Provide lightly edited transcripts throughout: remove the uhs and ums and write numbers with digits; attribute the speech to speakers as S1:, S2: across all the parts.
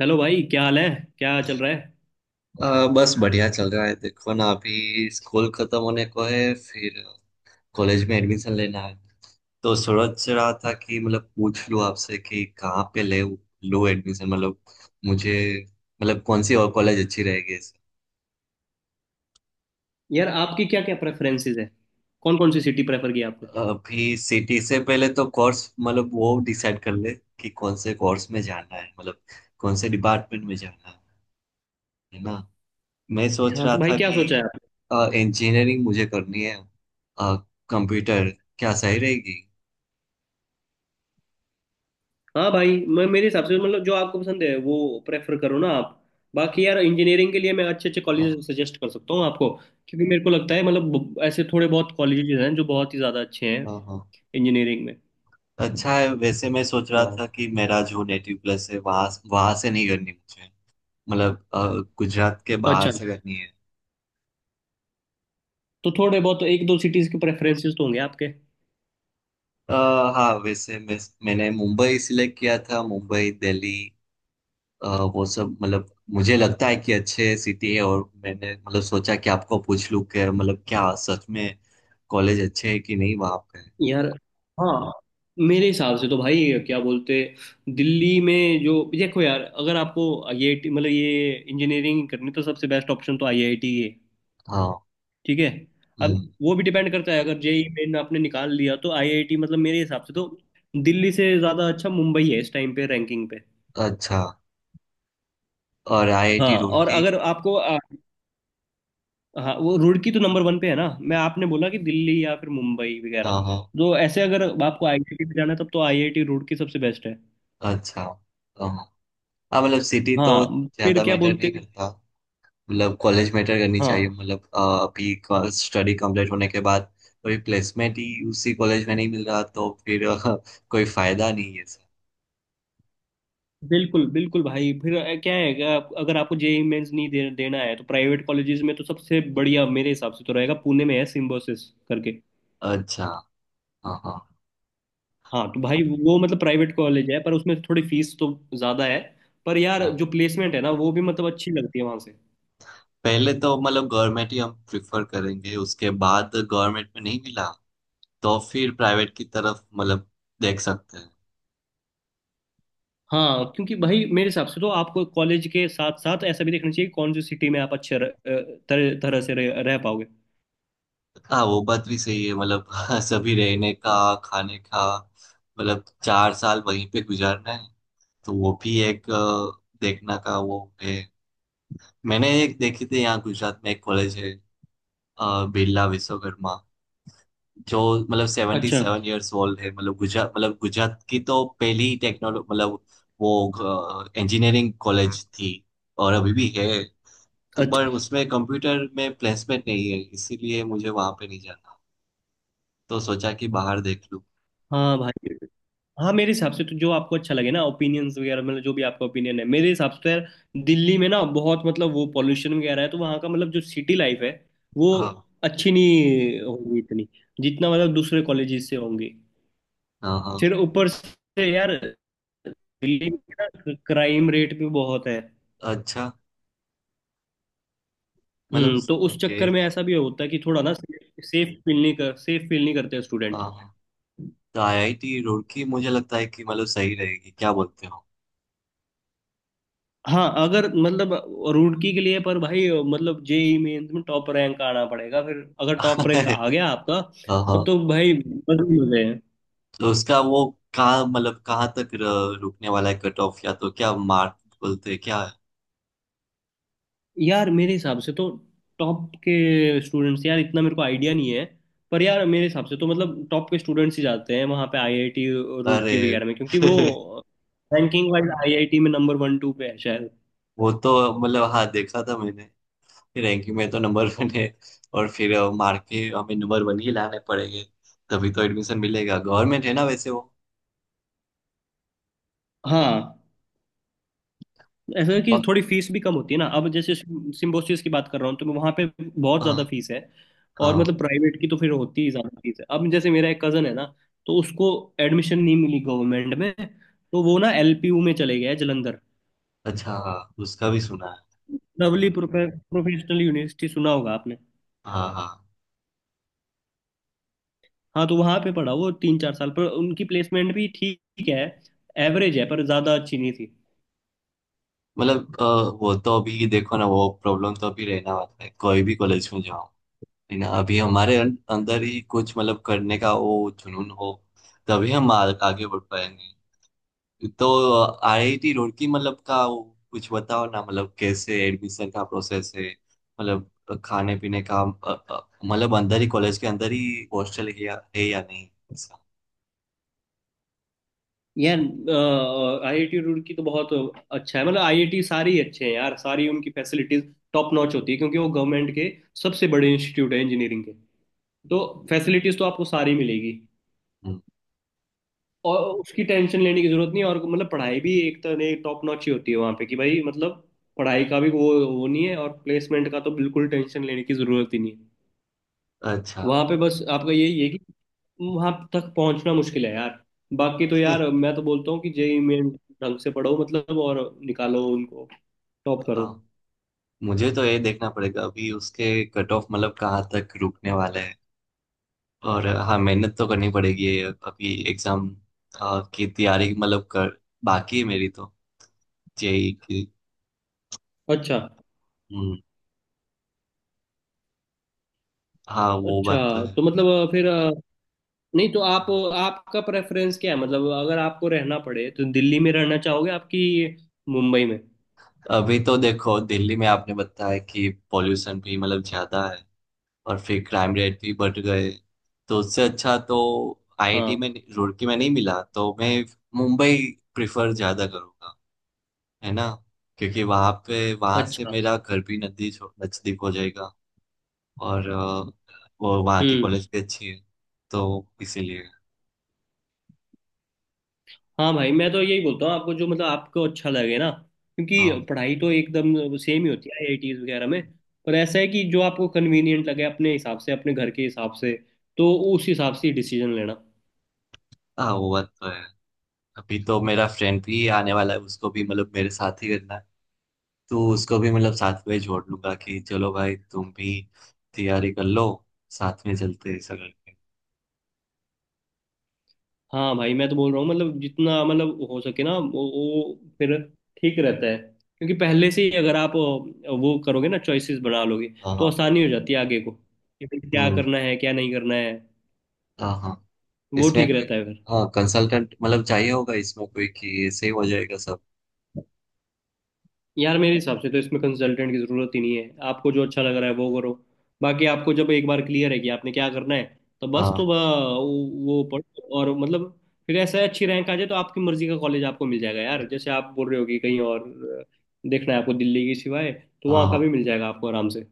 S1: Hello भाई, क्या हाल है? क्या चल रहा है?
S2: बस बढ़िया चल रहा है, देखो ना। अभी स्कूल खत्म होने को है, फिर कॉलेज में एडमिशन लेना है। तो सोच रहा था कि मतलब पूछ लूँ आपसे कि कहाँ पे ले लूँ एडमिशन, मतलब मुझे, मतलब कौन सी और कॉलेज अच्छी रहेगी।
S1: यार आपकी क्या क्या प्रेफरेंसेस है? कौन कौन सी सिटी प्रेफर की आपने?
S2: अभी सिटी से पहले तो कोर्स, मतलब वो डिसाइड कर ले कि कौन से कोर्स में जाना है, मतलब कौन से डिपार्टमेंट में जाना है ना। मैं सोच
S1: हाँ
S2: रहा
S1: तो भाई,
S2: था
S1: क्या
S2: कि
S1: सोचा है आपने?
S2: इंजीनियरिंग मुझे करनी है। कंप्यूटर क्या सही रहेगी?
S1: हाँ भाई, मैं मेरे हिसाब से मतलब जो आपको पसंद है वो प्रेफर करो ना आप। बाकी यार इंजीनियरिंग के लिए मैं अच्छे अच्छे
S2: हाँ,
S1: कॉलेजेस सजेस्ट कर सकता हूँ आपको। क्योंकि मेरे को लगता है मतलब ऐसे थोड़े बहुत कॉलेजेस हैं जो बहुत ही ज़्यादा अच्छे हैं
S2: हाँ, हाँ।
S1: इंजीनियरिंग में।
S2: अच्छा है। वैसे मैं सोच रहा था
S1: हाँ,
S2: कि मेरा जो नेटिव प्लेस है वहां, वहां से नहीं करनी मुझे। मतलब गुजरात के बाहर
S1: अच्छा,
S2: से करनी है।
S1: तो थोड़े बहुत एक दो सिटीज़ के प्रेफरेंसेस तो होंगे आपके।
S2: अ, हाँ, वैसे मैंने मुंबई सिलेक्ट किया था, मुंबई, दिल्ली। अ, वो सब, मतलब मुझे लगता है कि अच्छे सिटी है, और मैंने मतलब सोचा कि आपको पूछ लूँ कि मतलब क्या सच में कॉलेज अच्छे है कि नहीं वहाँ पे।
S1: यार हाँ, मेरे हिसाब से तो भाई क्या बोलते, दिल्ली में जो देखो यार, अगर आपको आईआईटी मतलब ये इंजीनियरिंग करनी तो सबसे बेस्ट ऑप्शन तो आईआईटी है।
S2: हाँ।
S1: ठीक है। अब
S2: हम्म,
S1: वो भी डिपेंड करता है, अगर जेई मेन आपने निकाल लिया तो आईआईटी मतलब मेरे हिसाब से तो दिल्ली से ज़्यादा अच्छा मुंबई है इस टाइम पे रैंकिंग पे।
S2: अच्छा। और
S1: हाँ
S2: आईआईटी
S1: और
S2: रुड़की?
S1: अगर आपको हाँ वो रुड़की तो नंबर वन पे है ना, मैं आपने बोला कि दिल्ली या फिर मुंबई वगैरह,
S2: हाँ, हाँ।
S1: तो ऐसे अगर आपको आईआईटी में जाना है तब तो आईआईटी रुड़की सबसे बेस्ट है।
S2: अच्छा। हाँ, हाँ, मतलब सिटी तो
S1: हाँ फिर
S2: ज्यादा
S1: क्या
S2: मैटर
S1: बोलते
S2: नहीं
S1: हैं।
S2: करता। मतलब कॉलेज मैटर करनी चाहिए,
S1: हाँ
S2: मतलब अभी स्टडी कंप्लीट होने के बाद कोई प्लेसमेंट ही उसी कॉलेज में नहीं मिल रहा तो फिर कोई फायदा नहीं है सर।
S1: बिल्कुल बिल्कुल भाई, फिर क्या है, अगर अगर आपको जेई मेंस नहीं देना है तो प्राइवेट कॉलेजेस में तो सबसे बढ़िया मेरे हिसाब से तो रहेगा पुणे में है, सिम्बोसिस करके।
S2: अच्छा। हाँ, हाँ,
S1: हाँ तो भाई वो मतलब प्राइवेट कॉलेज है पर उसमें थोड़ी फीस तो ज़्यादा है। पर यार
S2: हाँ।
S1: जो प्लेसमेंट है ना वो भी मतलब अच्छी लगती है वहाँ से।
S2: पहले तो मतलब गवर्नमेंट ही हम प्रिफर करेंगे, उसके बाद गवर्नमेंट में नहीं मिला तो फिर प्राइवेट की तरफ मतलब देख सकते हैं।
S1: हाँ क्योंकि भाई मेरे हिसाब से तो आपको कॉलेज के साथ साथ ऐसा भी देखना चाहिए, कौन सी सिटी में आप अच्छे तरह तरह से रह पाओगे।
S2: हाँ, वो बात भी सही है मतलब सभी रहने का, खाने का, मतलब चार साल वहीं पे गुजारना है, तो वो भी एक देखना का वो है। मैंने एक देखी थी, यहाँ गुजरात में एक कॉलेज है, बिरला विश्वकर्मा, जो मतलब सेवेंटी
S1: अच्छा,
S2: सेवन ईयर्स ओल्ड है, मतलब गुजरात, मतलब गुजरात की तो पहली टेक्नोलॉजी, मतलब वो इंजीनियरिंग कॉलेज थी और अभी भी है। तो पर
S1: अच्छा।
S2: उसमें कंप्यूटर में प्लेसमेंट नहीं है, इसीलिए मुझे वहां पे नहीं जाना। तो सोचा कि बाहर देख लूँ।
S1: हाँ भाई, हाँ मेरे हिसाब से तो जो आपको अच्छा लगे ना, ओपिनियंस वगैरह मतलब जो भी आपका ओपिनियन है, मेरे हिसाब से तो यार दिल्ली में ना बहुत मतलब वो पॉल्यूशन वगैरह है, तो वहाँ का मतलब जो सिटी लाइफ है वो
S2: हाँ,
S1: अच्छी नहीं होगी इतनी, जितना मतलब दूसरे कॉलेजेस से होंगी।
S2: हाँ, हाँ।
S1: फिर ऊपर से यार दिल्ली में क्राइम रेट भी बहुत है।
S2: अच्छा, मतलब।
S1: हम्म, तो उस
S2: ओके।
S1: चक्कर में ऐसा भी होता है कि थोड़ा ना सेफ फील नहीं करते स्टूडेंट।
S2: हाँ, हाँ। तो आईआईटी रुड़की मुझे लगता है कि मतलब सही रहेगी, क्या बोलते हो?
S1: हाँ अगर मतलब रुड़की के लिए, पर भाई मतलब जेई मेंस में टॉप रैंक आना पड़ेगा। फिर अगर टॉप रैंक आ गया आपका
S2: हाँ, हाँ।
S1: तब तो भाई बदल हो गए।
S2: तो उसका वो, कहाँ मतलब कहाँ तक रुकने वाला है कट ऑफ, या तो क्या मार्क बोलते हैं क्या?
S1: यार मेरे हिसाब से तो टॉप के स्टूडेंट्स, यार इतना मेरे को आइडिया नहीं है, पर यार मेरे हिसाब से तो मतलब टॉप के स्टूडेंट्स ही जाते हैं वहाँ पे आईआईटी रुड़की वगैरह
S2: अरे
S1: में, क्योंकि वो रैंकिंग वाइज आईआईटी में नंबर वन टू पे है शायद।
S2: वो तो, मतलब हाँ, देखा था मैंने। रैंकिंग में तो नंबर 1 है। और फिर मार्क के हमें नंबर 1 ही लाने पड़ेंगे, तभी तो एडमिशन मिलेगा। गवर्नमेंट है ना वैसे वो
S1: हाँ ऐसा है
S2: अ-
S1: कि थोड़ी फीस भी कम होती है ना, अब जैसे सिम्बोसिस की बात कर रहा हूँ तो, मैं वहाँ पे बहुत
S2: हाँ,
S1: ज़्यादा फीस है। और
S2: हाँ।
S1: मतलब प्राइवेट की तो फिर होती ही ज़्यादा फीस है। अब जैसे मेरा एक कज़न है ना, तो उसको एडमिशन नहीं मिली गवर्नमेंट में, तो वो ना एलपीयू में चले गया है जलंधर।
S2: अच्छा। हाँ, उसका भी सुना है।
S1: लवली प्रोफेशनल यूनिवर्सिटी सुना होगा आपने।
S2: हाँ, हाँ,
S1: हाँ तो वहाँ पे पढ़ा वो तीन चार साल, पर उनकी प्लेसमेंट भी ठीक है, एवरेज है पर ज़्यादा अच्छी नहीं थी।
S2: मतलब वो तो अभी देखो ना, वो प्रॉब्लम तो अभी रहना वाला है कोई भी कॉलेज में जाओ। है ना। अभी हमारे अंदर ही कुछ, मतलब करने का वो जुनून हो, तभी हम आगे बढ़ पाएंगे। तो आईआईटी रुड़की मतलब का वो, कुछ बताओ ना मतलब कैसे एडमिशन का प्रोसेस है, मतलब खाने पीने का मतलब अंदर ही, कॉलेज के अंदर ही हॉस्टल है या नहीं ऐसा?
S1: यार आईआईटी रुड़की तो बहुत अच्छा है, मतलब आईआईटी सारी ही अच्छे हैं यार, सारी उनकी फैसिलिटीज टॉप नॉच होती है, क्योंकि वो गवर्नमेंट के सबसे बड़े इंस्टीट्यूट है इंजीनियरिंग के, तो फैसिलिटीज तो आपको सारी मिलेगी,
S2: हम्म,
S1: और उसकी टेंशन लेने की जरूरत नहीं है। और मतलब पढ़ाई भी एक तरह टॉप नॉच ही होती है वहाँ पे, कि भाई मतलब पढ़ाई का भी वो नहीं है, और प्लेसमेंट का तो बिल्कुल टेंशन लेने की जरूरत ही नहीं है।
S2: अच्छा।
S1: वहां पे बस आपका यही है कि वहां तक पहुंचना मुश्किल है यार। बाकी तो यार मैं तो बोलता हूँ कि जेई मेन ढंग से पढ़ो मतलब, और निकालो उनको, टॉप
S2: अ,
S1: करो।
S2: मुझे तो ये देखना पड़ेगा अभी उसके कट ऑफ, मतलब कहाँ तक रुकने वाला है। और हाँ, मेहनत तो करनी पड़ेगी ये। अभी एग्जाम की तैयारी मतलब कर बाकी है मेरी तो, जेई की।
S1: अच्छा
S2: हम्म, हाँ, वो
S1: अच्छा,
S2: बात तो है
S1: तो
S2: ही।
S1: मतलब फिर नहीं तो आप, आपका प्रेफरेंस क्या है मतलब, अगर आपको रहना पड़े तो दिल्ली में रहना चाहोगे आपकी मुंबई में?
S2: अभी तो देखो, दिल्ली में आपने बताया कि पॉल्यूशन भी मतलब ज्यादा है, और फिर क्राइम रेट भी बढ़ गए। तो उससे अच्छा तो आईआईटी
S1: हाँ।
S2: में, रुड़की में नहीं मिला तो मैं मुंबई प्रिफर ज्यादा करूँगा, है ना। क्योंकि वहां पे, वहां से
S1: अच्छा।
S2: मेरा घर भी नजदीक हो जाएगा। और वो वहाँ की
S1: हम्म।
S2: कॉलेज भी अच्छी है, तो इसीलिए।
S1: हाँ भाई, मैं तो यही बोलता हूँ आपको, जो मतलब आपको अच्छा लगे ना, क्योंकि
S2: हाँ,
S1: पढ़ाई तो एकदम सेम ही होती है आईआईटीज वगैरह में। पर ऐसा है कि जो आपको कन्वीनियंट लगे अपने हिसाब से, अपने घर के हिसाब से, तो उस हिसाब से डिसीजन लेना।
S2: हाँ, वो बात तो है। अभी तो मेरा फ्रेंड भी आने वाला है, उसको भी मतलब मेरे साथ ही करना है, तो उसको भी मतलब साथ में जोड़ लूंगा कि चलो भाई तुम भी तैयारी कर लो, साथ में चलते हैं ऐसा करके।
S1: हाँ भाई, मैं तो बोल रहा हूँ मतलब जितना मतलब हो सके ना वो फिर ठीक रहता है, क्योंकि पहले से ही अगर आप वो करोगे ना, चॉइसेस बना लोगे,
S2: हाँ,
S1: तो
S2: हाँ।
S1: आसानी हो जाती है आगे को, कि भाई क्या
S2: हम्म,
S1: करना है क्या नहीं करना है।
S2: हाँ, हाँ।
S1: वो
S2: इसमें
S1: ठीक
S2: कोई,
S1: रहता है फिर।
S2: हाँ, कंसल्टेंट मतलब चाहिए होगा इसमें कोई, कि ऐसे ही हो जाएगा सब?
S1: यार मेरे हिसाब से तो इसमें कंसल्टेंट की जरूरत ही नहीं है, आपको जो अच्छा लग रहा है वो करो। बाकी आपको जब एक बार क्लियर है कि आपने क्या करना है, तो बस तो
S2: हाँ,
S1: वो पढ़ो और मतलब, फिर ऐसा है, अच्छी रैंक आ जाए तो आपकी मर्जी का कॉलेज आपको मिल जाएगा यार। जैसे आप बोल रहे हो कि कहीं और देखना है आपको दिल्ली के सिवाय, तो
S2: हाँ,
S1: वहाँ का
S2: हाँ।
S1: भी मिल जाएगा आपको आराम से।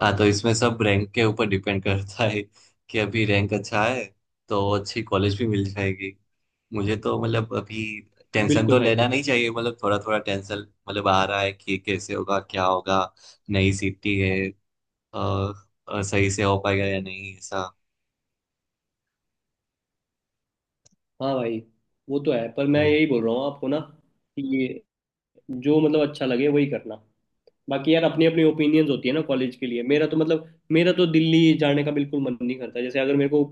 S2: हाँ, तो इसमें सब रैंक के ऊपर डिपेंड करता है। कि अभी रैंक अच्छा है, तो अच्छी कॉलेज भी मिल जाएगी। मुझे तो मतलब अभी टेंशन
S1: बिल्कुल
S2: तो
S1: भाई,
S2: लेना
S1: बिल्कुल।
S2: नहीं चाहिए, मतलब थोड़ा थोड़ा टेंशन मतलब आ रहा है कि कैसे होगा क्या होगा। नई सिटी है, अ, सही से हो पाएगा या नहीं ऐसा।
S1: हाँ भाई, वो तो है पर मैं
S2: हम्म।
S1: यही बोल रहा हूँ आपको ना, कि जो मतलब अच्छा लगे वही करना। बाकी यार अपनी अपनी ओपिनियंस होती है ना कॉलेज के लिए, मेरा तो मतलब मेरा तो दिल्ली जाने का बिल्कुल मन नहीं करता, जैसे अगर मेरे को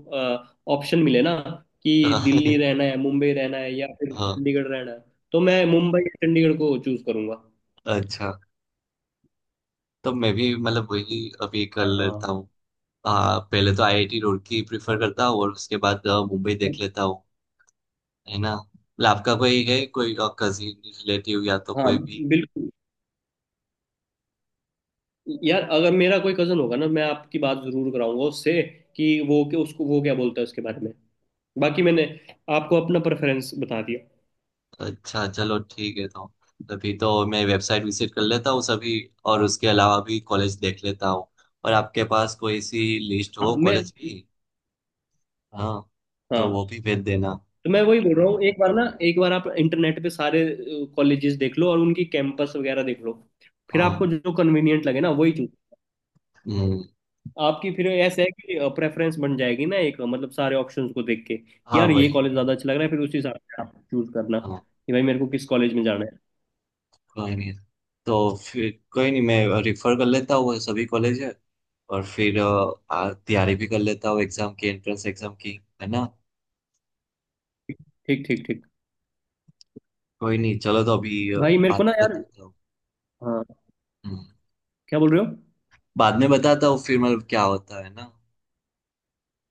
S1: ऑप्शन मिले ना कि दिल्ली रहना है, मुंबई रहना है या फिर
S2: हाँ,
S1: चंडीगढ़ रहना है, तो मैं मुंबई या चंडीगढ़ को चूज करूंगा।
S2: अच्छा। तो मैं भी मतलब वही अभी कर
S1: हाँ।
S2: लेता हूँ। हाँ, पहले तो आईआईटी रुड़की प्रिफर करता हूँ, और उसके बाद मुंबई देख लेता हूँ। है ना। मतलब आपका कोई है, कोई कजिन रिलेटिव या तो
S1: हाँ
S2: कोई भी?
S1: बिल्कुल, यार अगर मेरा कोई कजन होगा ना, मैं आपकी बात जरूर कराऊंगा उससे, कि वो के उसको वो क्या बोलता है उसके बारे में। बाकी मैंने आपको अपना प्रेफरेंस बता दिया।
S2: अच्छा, चलो ठीक है। तो अभी तो मैं वेबसाइट विजिट कर लेता हूँ सभी, और उसके अलावा भी कॉलेज देख लेता हूँ। और आपके पास कोई सी लिस्ट
S1: हाँ
S2: हो
S1: मैं,
S2: कॉलेज की? हाँ, तो वो
S1: हाँ
S2: भी भेज देना।
S1: तो मैं वही बोल रहा हूँ, एक बार ना एक बार आप इंटरनेट पे सारे कॉलेजेस देख लो, और उनकी कैंपस वगैरह देख लो। फिर
S2: हाँ।
S1: आपको जो कन्वीनियंट लगे ना, वही चूज
S2: हम्म,
S1: आपकी, फिर ऐसा है कि प्रेफरेंस बन जाएगी ना एक, मतलब सारे ऑप्शंस को देख के कि
S2: हाँ,
S1: यार ये
S2: वही
S1: कॉलेज ज्यादा
S2: वही,
S1: अच्छा लग रहा है, फिर उसी हिसाब से आप चूज करना,
S2: हाँ।
S1: कि भाई मेरे को किस कॉलेज में जाना है।
S2: कोई नहीं, तो फिर कोई नहीं, मैं रिफर कर लेता हूँ वो सभी कॉलेज है। और फिर तैयारी भी कर लेता हूँ एग्जाम की, एंट्रेंस एग्जाम की, है ना।
S1: ठीक ठीक ठीक।
S2: कोई नहीं चलो। तो अभी
S1: भाई मेरे
S2: बाद
S1: को ना
S2: में
S1: यार,
S2: बताता हूँ।
S1: हाँ
S2: हम्म,
S1: क्या बोल रहे हो,
S2: बाद में बताता हूँ फिर मतलब क्या होता है ना।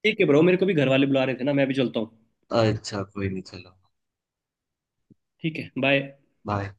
S1: ठीक है ब्रो, मेरे को भी घर वाले बुला रहे थे ना, मैं भी चलता हूँ।
S2: अच्छा, कोई नहीं, चलो।
S1: ठीक है, बाय।
S2: बाय।